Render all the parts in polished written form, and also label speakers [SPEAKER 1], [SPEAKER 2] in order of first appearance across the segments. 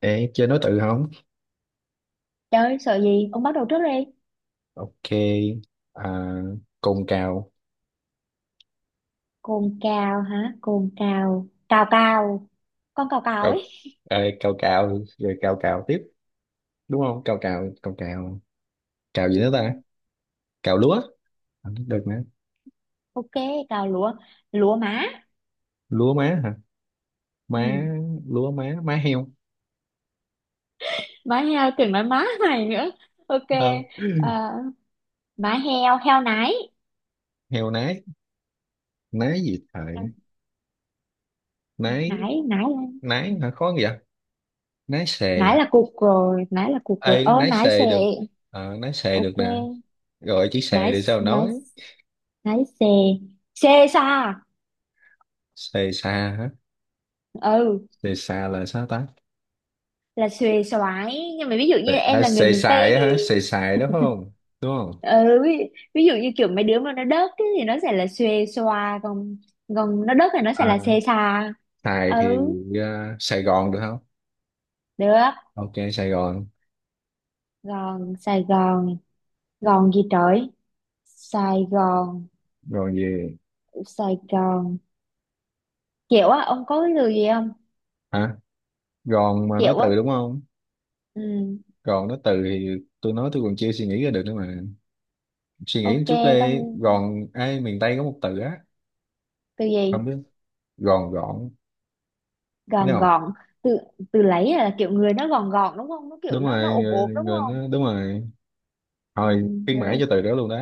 [SPEAKER 1] Ê, chơi nối tự không?
[SPEAKER 2] Trời ơi, sợ gì? Ông bắt đầu trước đi.
[SPEAKER 1] Ok, à, cồn cào,
[SPEAKER 2] Cồn cào hả? Cồn cào. Cào cào. Con cào cào
[SPEAKER 1] cào,
[SPEAKER 2] ấy.
[SPEAKER 1] ê, cào cào, rồi cào cào tiếp, đúng không? Cào cào, cào cào, cào gì
[SPEAKER 2] Ừ,
[SPEAKER 1] nữa ta? Cào lúa, không được nè.
[SPEAKER 2] ok, cào lúa. Lúa má.
[SPEAKER 1] Lúa má hả?
[SPEAKER 2] Ừ.
[SPEAKER 1] Má, lúa má, má heo,
[SPEAKER 2] Má heo tưởng nói má mày nữa. Ok.
[SPEAKER 1] ờ,
[SPEAKER 2] Ờ, má heo, heo nái.
[SPEAKER 1] heo nái, nái gì
[SPEAKER 2] Ừ,
[SPEAKER 1] thời? Nái,
[SPEAKER 2] nái, nái là-
[SPEAKER 1] nái hả? Khó vậy? Nái xề,
[SPEAKER 2] Nái là cục rồi. Nái là cục rồi.
[SPEAKER 1] ê,
[SPEAKER 2] Ơ,
[SPEAKER 1] nái
[SPEAKER 2] nái xề.
[SPEAKER 1] xề được, ờ, nái xề được nè,
[SPEAKER 2] Ok.
[SPEAKER 1] gọi chữ xề
[SPEAKER 2] Nái,
[SPEAKER 1] để sao
[SPEAKER 2] nái,
[SPEAKER 1] nói?
[SPEAKER 2] nái xề. Xê xa.
[SPEAKER 1] Xề xa hả?
[SPEAKER 2] Ừ.
[SPEAKER 1] Xề xa là sao ta?
[SPEAKER 2] Là xuề xoái. Nhưng mà ví dụ như
[SPEAKER 1] Tại-
[SPEAKER 2] em
[SPEAKER 1] à,
[SPEAKER 2] là người
[SPEAKER 1] xài
[SPEAKER 2] miền Tây
[SPEAKER 1] xài á hả?
[SPEAKER 2] thì
[SPEAKER 1] Xài xài đó phải không? Đúng không?
[SPEAKER 2] ừ, ví, ví dụ như kiểu mấy đứa mà nó đớt ấy, thì nó sẽ là xuê xoa còn còn nó đớt thì nó sẽ
[SPEAKER 1] À,
[SPEAKER 2] là xê xa.
[SPEAKER 1] xài thì
[SPEAKER 2] Ừ,
[SPEAKER 1] à, Sài Gòn được không?
[SPEAKER 2] được.
[SPEAKER 1] Ok, Sài Gòn.
[SPEAKER 2] Gòn, Sài Gòn. Gòn gì trời? Sài Gòn.
[SPEAKER 1] Gòn gì?
[SPEAKER 2] Sài Gòn kiểu á, ông có cái từ gì không?
[SPEAKER 1] Hả? Gòn mà nói
[SPEAKER 2] Kiểu á.
[SPEAKER 1] từ đúng không?
[SPEAKER 2] Ừ,
[SPEAKER 1] Gòn nói từ thì tôi nói tôi còn chưa suy nghĩ ra được nữa mà. Suy nghĩ một
[SPEAKER 2] ok,
[SPEAKER 1] chút
[SPEAKER 2] con,
[SPEAKER 1] đi. Gòn, ai miền Tây có một từ á.
[SPEAKER 2] từ gì?
[SPEAKER 1] Không biết. Gòn gọn. Thấy
[SPEAKER 2] Gòn
[SPEAKER 1] không?
[SPEAKER 2] gòn. Từ từ lấy là kiểu người nó gòn gòn, đúng không? Nó kiểu
[SPEAKER 1] Đúng
[SPEAKER 2] nó
[SPEAKER 1] rồi.
[SPEAKER 2] ốm
[SPEAKER 1] Người,
[SPEAKER 2] ốm đúng
[SPEAKER 1] người
[SPEAKER 2] không?
[SPEAKER 1] nó, đúng rồi.
[SPEAKER 2] Ừ,
[SPEAKER 1] Thôi, khuyến mãi
[SPEAKER 2] hiểu.
[SPEAKER 1] cho từ đó luôn đó.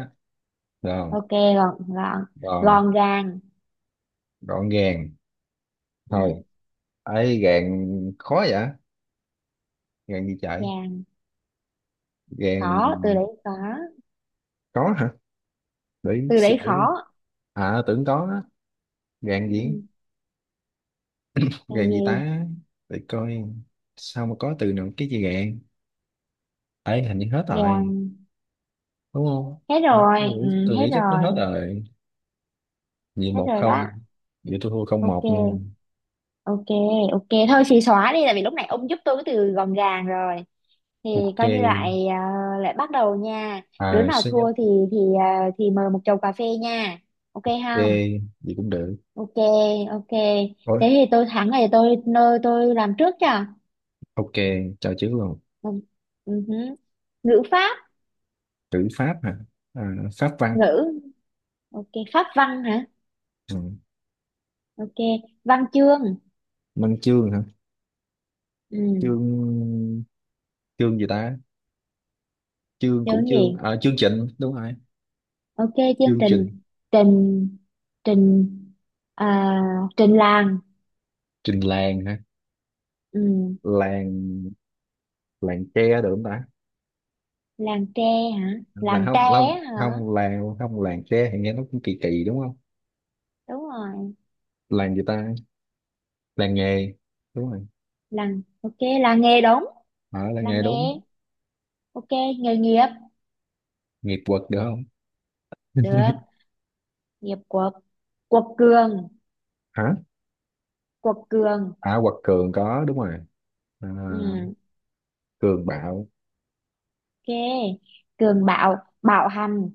[SPEAKER 1] Được không?
[SPEAKER 2] Ok, gòn gòn,
[SPEAKER 1] Gòn,
[SPEAKER 2] gòn gàng.
[SPEAKER 1] gọn gàng. Thôi.
[SPEAKER 2] Ừ,
[SPEAKER 1] Ấy gàng khó vậy? Gàng gì chạy?
[SPEAKER 2] gàng
[SPEAKER 1] Gàng
[SPEAKER 2] khó, từ đấy khó.
[SPEAKER 1] có hả? Để
[SPEAKER 2] Từ
[SPEAKER 1] suy
[SPEAKER 2] đấy
[SPEAKER 1] nghĩ luôn.
[SPEAKER 2] khó.
[SPEAKER 1] À tưởng có đó. Gạn gì,
[SPEAKER 2] Ừ. Còn
[SPEAKER 1] gạn gì
[SPEAKER 2] gì?
[SPEAKER 1] ta, để coi sao mà có từ nào cái gì gạn. Ấy hình như hết rồi
[SPEAKER 2] Vàng.
[SPEAKER 1] đúng không.
[SPEAKER 2] Hết
[SPEAKER 1] tôi
[SPEAKER 2] rồi.
[SPEAKER 1] nghĩ,
[SPEAKER 2] Ừ,
[SPEAKER 1] tôi
[SPEAKER 2] hết
[SPEAKER 1] nghĩ chắc nó hết
[SPEAKER 2] rồi.
[SPEAKER 1] rồi. Vậy
[SPEAKER 2] Hết
[SPEAKER 1] một
[SPEAKER 2] rồi đó.
[SPEAKER 1] không, vậy tôi thua không một nha.
[SPEAKER 2] Ok, ok, ok, thôi chị xóa đi, tại vì lúc này ông giúp tôi cái từ gọn gàng rồi thì
[SPEAKER 1] Ok,
[SPEAKER 2] coi như lại lại bắt đầu nha. Đứa
[SPEAKER 1] à
[SPEAKER 2] nào
[SPEAKER 1] số nhất.
[SPEAKER 2] thua thì thì mời một chầu cà phê nha. Ok
[SPEAKER 1] Ok
[SPEAKER 2] không?
[SPEAKER 1] vậy cũng được.
[SPEAKER 2] Ok, ok.
[SPEAKER 1] Ôi,
[SPEAKER 2] Thế thì tôi thắng này, tôi nơi tôi làm trước cho.
[SPEAKER 1] ok, cho chữ luôn.
[SPEAKER 2] Ừ. Ừ hứ. Ngữ pháp.
[SPEAKER 1] Chữ pháp hả? À, pháp văn.
[SPEAKER 2] Ngữ, ok, pháp văn hả?
[SPEAKER 1] Ừ.
[SPEAKER 2] Ok, văn chương.
[SPEAKER 1] Văn chương hả?
[SPEAKER 2] Ừ,
[SPEAKER 1] Chương, chương gì ta? Chương cũng
[SPEAKER 2] chương
[SPEAKER 1] chương,
[SPEAKER 2] gì?
[SPEAKER 1] à, chương trình đúng rồi.
[SPEAKER 2] Ok, chương
[SPEAKER 1] Chương
[SPEAKER 2] trình.
[SPEAKER 1] trình,
[SPEAKER 2] Trình, trình, à, trình làng.
[SPEAKER 1] trình làng hả?
[SPEAKER 2] Ừ,
[SPEAKER 1] Làng, làng tre được không ta?
[SPEAKER 2] làng tre hả?
[SPEAKER 1] Là
[SPEAKER 2] Làng tre
[SPEAKER 1] không không
[SPEAKER 2] á hả?
[SPEAKER 1] không làng, không làng tre thì nghe nó cũng kỳ kỳ đúng không.
[SPEAKER 2] Đúng rồi.
[SPEAKER 1] Làng gì ta? Làng nghề đúng rồi.
[SPEAKER 2] Làng, ok, làng nghề đúng.
[SPEAKER 1] Ở làng
[SPEAKER 2] Làng
[SPEAKER 1] nghề
[SPEAKER 2] nghề.
[SPEAKER 1] đúng.
[SPEAKER 2] Ok, nghề nghiệp.
[SPEAKER 1] Nghiệp quật được không?
[SPEAKER 2] Được, nghiệp quật. Quật cường,
[SPEAKER 1] Hả?
[SPEAKER 2] quật cường.
[SPEAKER 1] À quật cường có đúng rồi. À,
[SPEAKER 2] Ừ,
[SPEAKER 1] cường bạo.
[SPEAKER 2] ok. Cường bạo, bạo hành,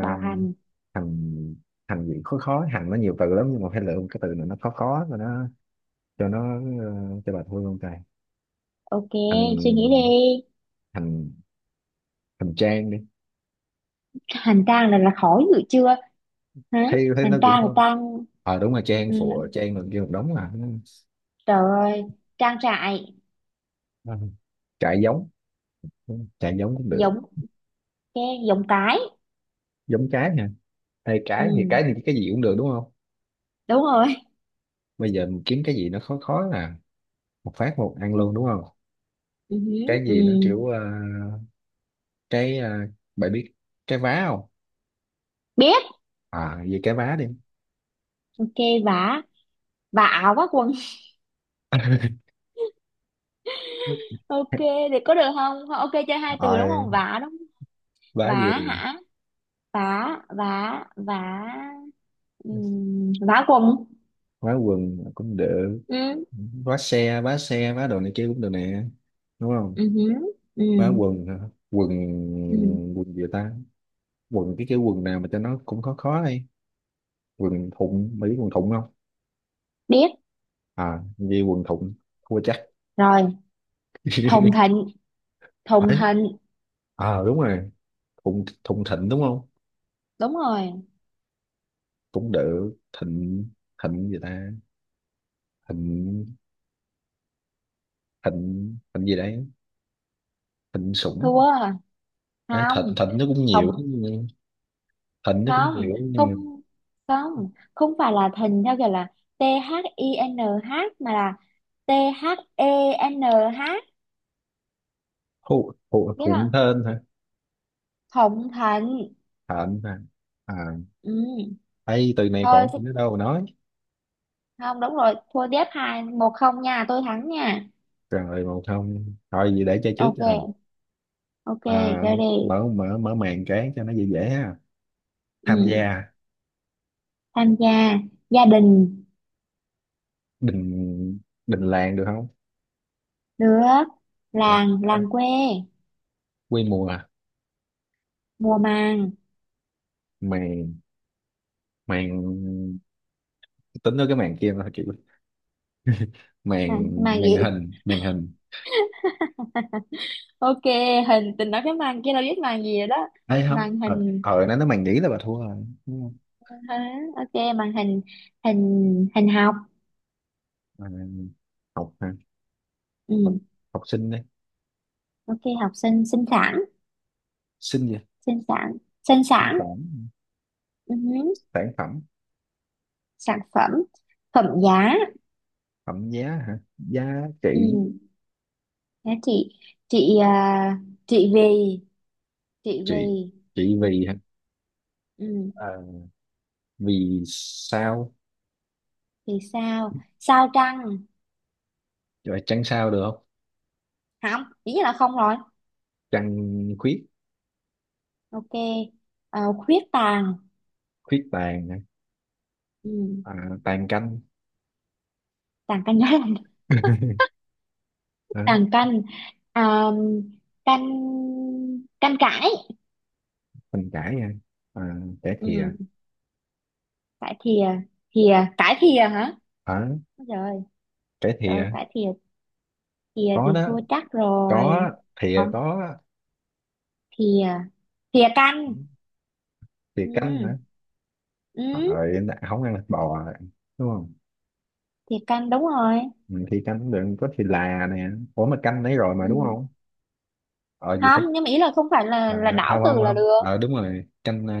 [SPEAKER 2] bạo hành.
[SPEAKER 1] thành, thành gì khó khó? Hành nó nhiều từ lắm nhưng mà phải lựa một cái từ nào nó khó khó rồi nó cho nó, ờ, cho bà Thu luôn trời.
[SPEAKER 2] Ok, suy nghĩ
[SPEAKER 1] thành
[SPEAKER 2] đi.
[SPEAKER 1] thành thành trang đi.
[SPEAKER 2] Hành trang là khó dữ chưa. Hả?
[SPEAKER 1] Thấy thấy nó
[SPEAKER 2] Hành
[SPEAKER 1] cũng
[SPEAKER 2] trang là
[SPEAKER 1] không.
[SPEAKER 2] trang.
[SPEAKER 1] Ờ đúng là trang,
[SPEAKER 2] Ừ,
[SPEAKER 1] phụ trang được kia một đống mà.
[SPEAKER 2] trời ơi, trang trại.
[SPEAKER 1] Ừ. Trại giống, trại giống cũng được.
[SPEAKER 2] Giống, cái giống, cái.
[SPEAKER 1] Giống trái nha. Ê, trái
[SPEAKER 2] Ừ,
[SPEAKER 1] thì cái gì cũng được đúng không.
[SPEAKER 2] đúng rồi.
[SPEAKER 1] Bây giờ mình kiếm cái gì nó khó khó là một phát một ăn
[SPEAKER 2] Ừ,
[SPEAKER 1] luôn đúng không.
[SPEAKER 2] ừ,
[SPEAKER 1] Cái
[SPEAKER 2] ừ.
[SPEAKER 1] gì nó kiểu, ờ, cái, ờ, bạn biết cái vá không?
[SPEAKER 2] Biết.
[SPEAKER 1] À về cái vá đi.
[SPEAKER 2] Ok, vả, vả áo vá quần. Ok, thì có được không? Ok, chơi hai từ đúng
[SPEAKER 1] Rồi
[SPEAKER 2] không? Vả đúng không?
[SPEAKER 1] vá
[SPEAKER 2] Vả
[SPEAKER 1] gì?
[SPEAKER 2] hả? Vả, vả, vả. Ừ, vả quần.
[SPEAKER 1] Vá quần cũng được.
[SPEAKER 2] Ừ,
[SPEAKER 1] Vá xe, vá xe, vá đồ này kia cũng được nè, đúng
[SPEAKER 2] ừ,
[SPEAKER 1] không.
[SPEAKER 2] ừ,
[SPEAKER 1] Vá quần hả? Quần,
[SPEAKER 2] ừ.
[SPEAKER 1] quần gì ta? Quần, cái quần nào mà cho nó cũng khó khó đi. Quần thụng mấy, quần thụng không?
[SPEAKER 2] Biết
[SPEAKER 1] À như quần thụng, thua chắc.
[SPEAKER 2] rồi. Thùng thịnh, thùng
[SPEAKER 1] Ấy,
[SPEAKER 2] thịnh.
[SPEAKER 1] à đúng rồi, thụng, thụng thịnh đúng không?
[SPEAKER 2] Đúng rồi.
[SPEAKER 1] Cũng được. Thịnh, thịnh gì ta? Thịnh, thịnh thịnh gì đấy? Thịnh sủng.
[SPEAKER 2] Thua.
[SPEAKER 1] Ấy, thịnh
[SPEAKER 2] Không,
[SPEAKER 1] thịnh nó cũng nhiều
[SPEAKER 2] không,
[SPEAKER 1] nhưng thịnh nó cũng
[SPEAKER 2] không,
[SPEAKER 1] nhiều nhưng
[SPEAKER 2] không,
[SPEAKER 1] mà
[SPEAKER 2] không. Không phải là thìn theo kiểu là t h i n h, mà là t h e n h.
[SPEAKER 1] thu, thu,
[SPEAKER 2] Biết
[SPEAKER 1] thụng
[SPEAKER 2] không?
[SPEAKER 1] thên hả?
[SPEAKER 2] Thụng thịnh.
[SPEAKER 1] Thịnh hả? À,
[SPEAKER 2] Ừ.
[SPEAKER 1] ấy từ này
[SPEAKER 2] Thôi
[SPEAKER 1] còn
[SPEAKER 2] thì-
[SPEAKER 1] không biết đâu mà nói.
[SPEAKER 2] không, đúng rồi, thua tiếp, hai một không nha, tôi thắng nha.
[SPEAKER 1] Rồi một không, thôi gì để chơi trước cho.
[SPEAKER 2] Ok, ok,
[SPEAKER 1] À,
[SPEAKER 2] chơi đi.
[SPEAKER 1] mở mở mở màn cái cho nó dễ dễ ha. Tham
[SPEAKER 2] Ừ.
[SPEAKER 1] gia,
[SPEAKER 2] Tham gia. Gia đình.
[SPEAKER 1] đình, đình làng được không?
[SPEAKER 2] Nước.
[SPEAKER 1] Được.
[SPEAKER 2] Làng,
[SPEAKER 1] Đấy,
[SPEAKER 2] làng quê.
[SPEAKER 1] quy mô à,
[SPEAKER 2] Mùa màng.
[SPEAKER 1] màn, màn, tính tới cái màn kia thôi chị.
[SPEAKER 2] Màng,
[SPEAKER 1] Màn,
[SPEAKER 2] màng gì?
[SPEAKER 1] màn hình, màn hình.
[SPEAKER 2] Ok, hình, tình nói cái màn kia đâu, biết màn gì rồi đó.
[SPEAKER 1] Ấy không,
[SPEAKER 2] Màn
[SPEAKER 1] ờ
[SPEAKER 2] hình
[SPEAKER 1] ờ nó màn nhĩ là bà thua rồi đúng không?
[SPEAKER 2] hả? Ok, màn hình. Hình, hình học.
[SPEAKER 1] À, học hả? Học,
[SPEAKER 2] Ừ.
[SPEAKER 1] học sinh đi.
[SPEAKER 2] Ok, học sinh. Sinh sản.
[SPEAKER 1] Sinh gì?
[SPEAKER 2] Sinh sản, sinh
[SPEAKER 1] Sinh
[SPEAKER 2] sản.
[SPEAKER 1] sản.
[SPEAKER 2] Ừ.
[SPEAKER 1] Sản phẩm.
[SPEAKER 2] Sản phẩm. Phẩm giá.
[SPEAKER 1] Phẩm giá hả? Giá
[SPEAKER 2] Ừ.
[SPEAKER 1] trị.
[SPEAKER 2] Đó, chị chị vì, chị vì.
[SPEAKER 1] Trị, trị
[SPEAKER 2] Ừ.
[SPEAKER 1] vì hả?
[SPEAKER 2] Ừ.
[SPEAKER 1] Ờ, vì sao,
[SPEAKER 2] Thì sao, sao trăng.
[SPEAKER 1] rồi trăng sao được không?
[SPEAKER 2] Không, ý là không rồi.
[SPEAKER 1] Trăng khuyết.
[SPEAKER 2] Ok, khuyết tàn.
[SPEAKER 1] Khuyết tàn hả?
[SPEAKER 2] Ừ.
[SPEAKER 1] À, tàn canh.
[SPEAKER 2] Tàn cái nhớ. Nàng canh, à, canh, canh cải.
[SPEAKER 1] Mình trải nha. À, trải thìa.
[SPEAKER 2] Ừ, cải thìa. Thìa cải thìa hả?
[SPEAKER 1] Ở,
[SPEAKER 2] Ôi trời,
[SPEAKER 1] trải thìa
[SPEAKER 2] trời cải thìa. Thìa
[SPEAKER 1] có
[SPEAKER 2] thì
[SPEAKER 1] đó,
[SPEAKER 2] thua chắc rồi.
[SPEAKER 1] có, thìa
[SPEAKER 2] Còn
[SPEAKER 1] có.
[SPEAKER 2] thìa, thìa canh.
[SPEAKER 1] Thìa
[SPEAKER 2] Ừ,
[SPEAKER 1] canh hả?
[SPEAKER 2] ừ,
[SPEAKER 1] Rồi không ăn thịt bò rồi, đúng không?
[SPEAKER 2] thìa canh đúng rồi.
[SPEAKER 1] Ừ, thìa canh cũng được, có thìa là nè. Ủa mà canh đấy rồi
[SPEAKER 2] Ừ.
[SPEAKER 1] mà đúng không? Ờ gì
[SPEAKER 2] Không
[SPEAKER 1] phải.
[SPEAKER 2] nhưng mà ý là không phải là
[SPEAKER 1] Ờ,
[SPEAKER 2] là đảo
[SPEAKER 1] không không
[SPEAKER 2] từ là
[SPEAKER 1] không,
[SPEAKER 2] được.
[SPEAKER 1] ờ đúng rồi canh, ờ,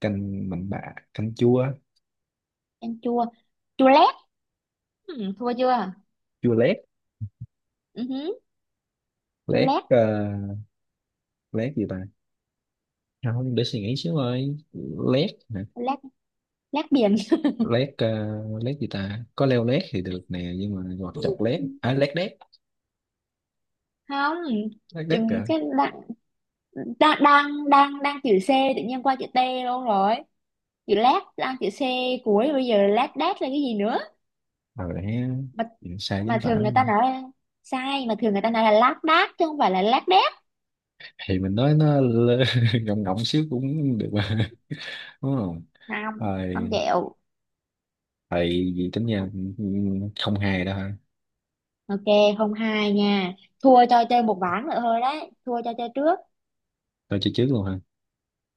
[SPEAKER 1] canh mặn bạ, canh chua.
[SPEAKER 2] Canh chua, chua lét. Ừ, thua chưa?
[SPEAKER 1] Chua lét.
[SPEAKER 2] Ừ hứ, chua
[SPEAKER 1] Lét,
[SPEAKER 2] lét.
[SPEAKER 1] ờ, lét gì ta? Không để suy nghĩ xíu ơi. Lét hả?
[SPEAKER 2] Lét, lét biển.
[SPEAKER 1] Lét, ờ, lét gì ta? Có leo lét thì được nè, nhưng mà hoặc chọc lét, à lét đét.
[SPEAKER 2] Không,
[SPEAKER 1] Lét đét
[SPEAKER 2] chùm
[SPEAKER 1] kìa.
[SPEAKER 2] cái. Đang đang đang đang chữ C, tự nhiên qua chữ T luôn rồi. Chữ lát đang chữ C cuối, bây giờ lát đát là cái gì nữa.
[SPEAKER 1] Rồi đấy,
[SPEAKER 2] mà
[SPEAKER 1] chính sai chính
[SPEAKER 2] mà
[SPEAKER 1] tả.
[SPEAKER 2] thường người ta nói là sai, mà thường người ta nói là lát đát chứ không phải là lát đét.
[SPEAKER 1] Thì mình nói nó lơ- ngọng ngọng xíu cũng được mà đúng không.
[SPEAKER 2] Không, không
[SPEAKER 1] Rồi
[SPEAKER 2] chịu.
[SPEAKER 1] thầy, gì tính nha, không hề đó hả?
[SPEAKER 2] Ok, không hai nha. Thua cho chơi một ván nữa thôi đấy, thua cho chơi trước.
[SPEAKER 1] Tôi chơi trước luôn hả?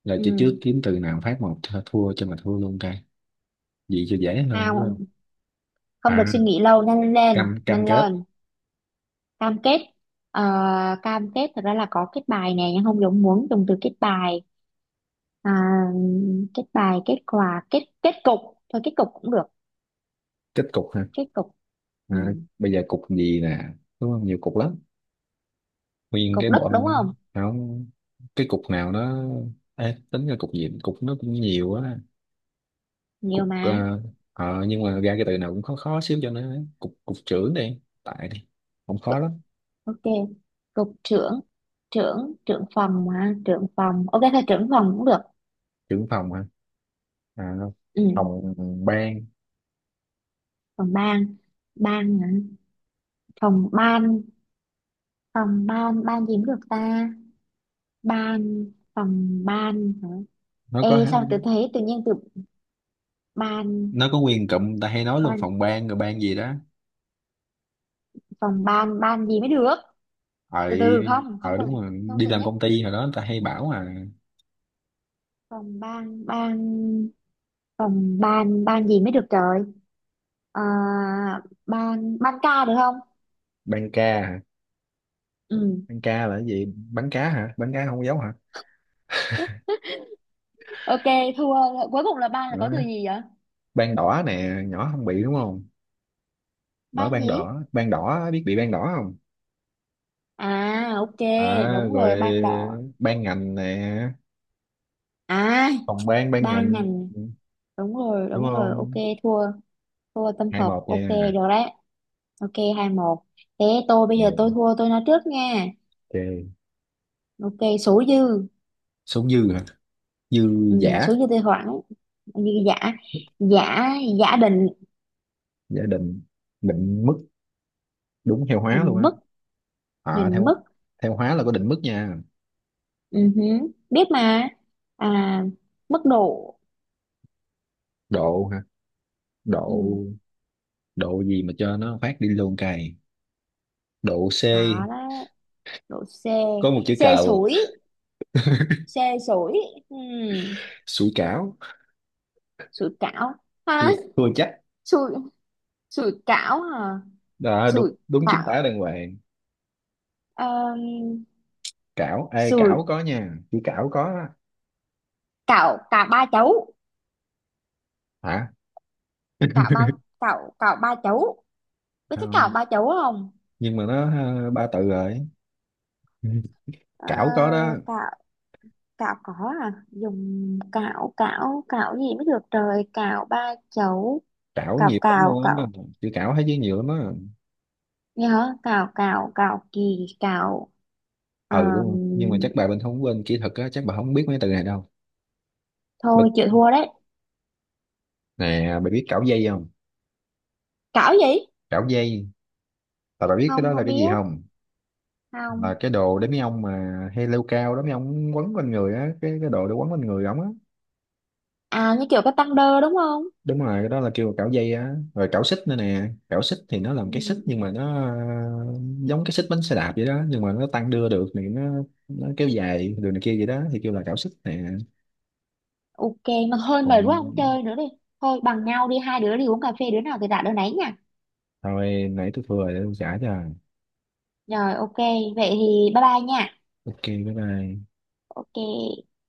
[SPEAKER 1] Là chơi
[SPEAKER 2] Ừ.
[SPEAKER 1] trước kiếm từ nào phát một, th- thua cho mà thua luôn cái gì cho dễ hơn đúng không.
[SPEAKER 2] Không, không
[SPEAKER 1] À
[SPEAKER 2] được suy nghĩ lâu, nhanh lên,
[SPEAKER 1] cam, cam
[SPEAKER 2] nhanh
[SPEAKER 1] kết.
[SPEAKER 2] lên. Cam kết. Ờ, cam kết. Thật ra là có kết bài nè nhưng không giống muốn dùng từ kết bài. à, Kết bài, kết quà, kết, kết cục. Thôi kết cục cũng được.
[SPEAKER 1] Kết cục hả?
[SPEAKER 2] Kết cục. Ừ.
[SPEAKER 1] À, bây giờ cục gì nè, đúng không, nhiều cục lắm. Nguyên cái
[SPEAKER 2] Cục đất
[SPEAKER 1] bọn
[SPEAKER 2] đúng không?
[SPEAKER 1] nó, cái cục nào nó. Ê, tính ra cục gì cục nó cũng nhiều á.
[SPEAKER 2] Nhiều
[SPEAKER 1] Cục,
[SPEAKER 2] mà.
[SPEAKER 1] ờ, ờ, nhưng mà ra cái từ nào cũng khó khó xíu cho nó. Cục, cục trưởng đi tại đi, không khó lắm.
[SPEAKER 2] Ok, cục trưởng. Trưởng, trưởng phòng, mà trưởng phòng, ok thôi trưởng phòng cũng được.
[SPEAKER 1] Trưởng phòng hả? À,
[SPEAKER 2] Ừ.
[SPEAKER 1] phòng ban.
[SPEAKER 2] Phòng ban. Ban hả? Phòng ban. Phòng ban, ban gì cũng được ta. Ban, phòng ban hả?
[SPEAKER 1] Nó
[SPEAKER 2] Ê,
[SPEAKER 1] có,
[SPEAKER 2] sao tôi thấy tự nhiên từ
[SPEAKER 1] nó
[SPEAKER 2] ban.
[SPEAKER 1] có quyền cụm ta hay nói luôn
[SPEAKER 2] Ban,
[SPEAKER 1] phòng ban rồi ban gì đó.
[SPEAKER 2] phòng ban, ban gì mới được.
[SPEAKER 1] Ờ
[SPEAKER 2] Từ từ không, không
[SPEAKER 1] ờ
[SPEAKER 2] cần.
[SPEAKER 1] đúng rồi,
[SPEAKER 2] Không
[SPEAKER 1] đi
[SPEAKER 2] cần
[SPEAKER 1] làm
[SPEAKER 2] nhất.
[SPEAKER 1] công ty hồi đó ta hay bảo. À,
[SPEAKER 2] Phòng ban, ban, phòng ban, ban gì mới được trời. à, Ban, ban ca được không?
[SPEAKER 1] ban ca hả?
[SPEAKER 2] Ừ.
[SPEAKER 1] Ban ca là cái gì, bán cá hả, bán cá không dấu hả?
[SPEAKER 2] Ok, thua. Cuối cùng là ban là
[SPEAKER 1] Đó.
[SPEAKER 2] có từ gì vậy?
[SPEAKER 1] Ban đỏ nè, nhỏ không bị đúng không. Mở
[SPEAKER 2] Ban
[SPEAKER 1] ban
[SPEAKER 2] gì?
[SPEAKER 1] đỏ, ban đỏ, biết bị ban đỏ không?
[SPEAKER 2] À, ok,
[SPEAKER 1] À,
[SPEAKER 2] đúng
[SPEAKER 1] rồi
[SPEAKER 2] rồi, ban đỏ.
[SPEAKER 1] ban ngành nè.
[SPEAKER 2] à
[SPEAKER 1] Phòng bán
[SPEAKER 2] Ban
[SPEAKER 1] ngành.
[SPEAKER 2] ngành.
[SPEAKER 1] Ừ,
[SPEAKER 2] Đúng rồi,
[SPEAKER 1] đúng
[SPEAKER 2] đúng rồi, ok.
[SPEAKER 1] không.
[SPEAKER 2] Thua, thua tâm
[SPEAKER 1] Hai
[SPEAKER 2] phục.
[SPEAKER 1] một
[SPEAKER 2] Ok,
[SPEAKER 1] nha.
[SPEAKER 2] được đấy. Ok, hai một. Thế tôi bây giờ
[SPEAKER 1] Ừ,
[SPEAKER 2] tôi thua tôi nói trước nha.
[SPEAKER 1] ok.
[SPEAKER 2] Ok, số dư.
[SPEAKER 1] Số dư hả? Dư
[SPEAKER 2] Ừ,
[SPEAKER 1] giả.
[SPEAKER 2] số dư tôi hoãn như giả. Giả, giả định.
[SPEAKER 1] Giả định. Định mức đúng theo hóa luôn
[SPEAKER 2] Định
[SPEAKER 1] á.
[SPEAKER 2] mức.
[SPEAKER 1] À
[SPEAKER 2] Định mức.
[SPEAKER 1] theo, theo hóa là có định mức nha.
[SPEAKER 2] Ừ hứ, biết mà. À, mức độ.
[SPEAKER 1] Độ hả? Độ,
[SPEAKER 2] Ừ.
[SPEAKER 1] độ gì mà cho nó phát đi luôn cày. Độ C,
[SPEAKER 2] Đó đấy, độ C.
[SPEAKER 1] có một chữ
[SPEAKER 2] C
[SPEAKER 1] cào.
[SPEAKER 2] sủi, C sủi. Ừ,
[SPEAKER 1] Sủi cảo.
[SPEAKER 2] sủi cảo hả?
[SPEAKER 1] Thua, thua chắc.
[SPEAKER 2] Sủi, sủi cảo hả?
[SPEAKER 1] Đó
[SPEAKER 2] Sủi
[SPEAKER 1] đúng đúng chính tả
[SPEAKER 2] cảo.
[SPEAKER 1] đàng hoàng.
[SPEAKER 2] um,
[SPEAKER 1] Cảo, ê
[SPEAKER 2] Sủi
[SPEAKER 1] cảo có nha, chữ cảo có á.
[SPEAKER 2] cảo, cảo ba chấu.
[SPEAKER 1] Hả?
[SPEAKER 2] Cảo ba, cảo, cảo ba chấu, biết
[SPEAKER 1] Ờ,
[SPEAKER 2] cái cảo ba chấu không?
[SPEAKER 1] nhưng mà nó, ờ, ba từ rồi.
[SPEAKER 2] Ờ,
[SPEAKER 1] Cảo có đó.
[SPEAKER 2] cảo, cảo có. À dùng cảo, cảo, cảo gì mới được trời, cảo ba chấu.
[SPEAKER 1] Cảo
[SPEAKER 2] Cào
[SPEAKER 1] nhiều lắm
[SPEAKER 2] cào
[SPEAKER 1] luôn á.
[SPEAKER 2] cào,
[SPEAKER 1] Chữ cảo thấy chứ nhiều lắm á.
[SPEAKER 2] nghe hả? Cào cào cào kỳ cào.
[SPEAKER 1] Ừ
[SPEAKER 2] Ờm,
[SPEAKER 1] luôn, nhưng mà chắc bà Bình không quên kỹ thuật á, chắc bà không biết mấy từ này đâu.
[SPEAKER 2] Thôi
[SPEAKER 1] Bình
[SPEAKER 2] chịu thua đấy.
[SPEAKER 1] nè, bà biết cảo dây không?
[SPEAKER 2] Cảo gì?
[SPEAKER 1] Cảo dây là bà biết cái
[SPEAKER 2] Không,
[SPEAKER 1] đó là
[SPEAKER 2] không
[SPEAKER 1] cái
[SPEAKER 2] biết.
[SPEAKER 1] gì không? Là
[SPEAKER 2] Không.
[SPEAKER 1] cái đồ để mấy ông mà hay leo cao đó, mấy ông quấn quanh người á, cái đồ để quấn quanh người ổng á.
[SPEAKER 2] À, như kiểu cái tăng đơ đúng không?
[SPEAKER 1] Đúng rồi, cái đó là kêu là cảo dây á, rồi cảo xích nữa nè, cảo xích thì nó làm
[SPEAKER 2] Ừ,
[SPEAKER 1] cái xích nhưng mà nó, ờ, giống cái xích bánh xe đạp vậy đó, nhưng mà nó tăng đưa được thì nó kéo dài đường này kia vậy đó thì kêu là cảo xích nè.
[SPEAKER 2] ok. Mà thôi
[SPEAKER 1] Còn
[SPEAKER 2] mệt quá không chơi nữa đi. Thôi bằng nhau đi, hai đứa đi uống cà phê, đứa nào thì đạt đứa nấy nha.
[SPEAKER 1] thôi nãy tôi vừa để tôi trả cho.
[SPEAKER 2] Rồi ok. Vậy thì bye bye nha.
[SPEAKER 1] Ok bye bye.
[SPEAKER 2] Ok.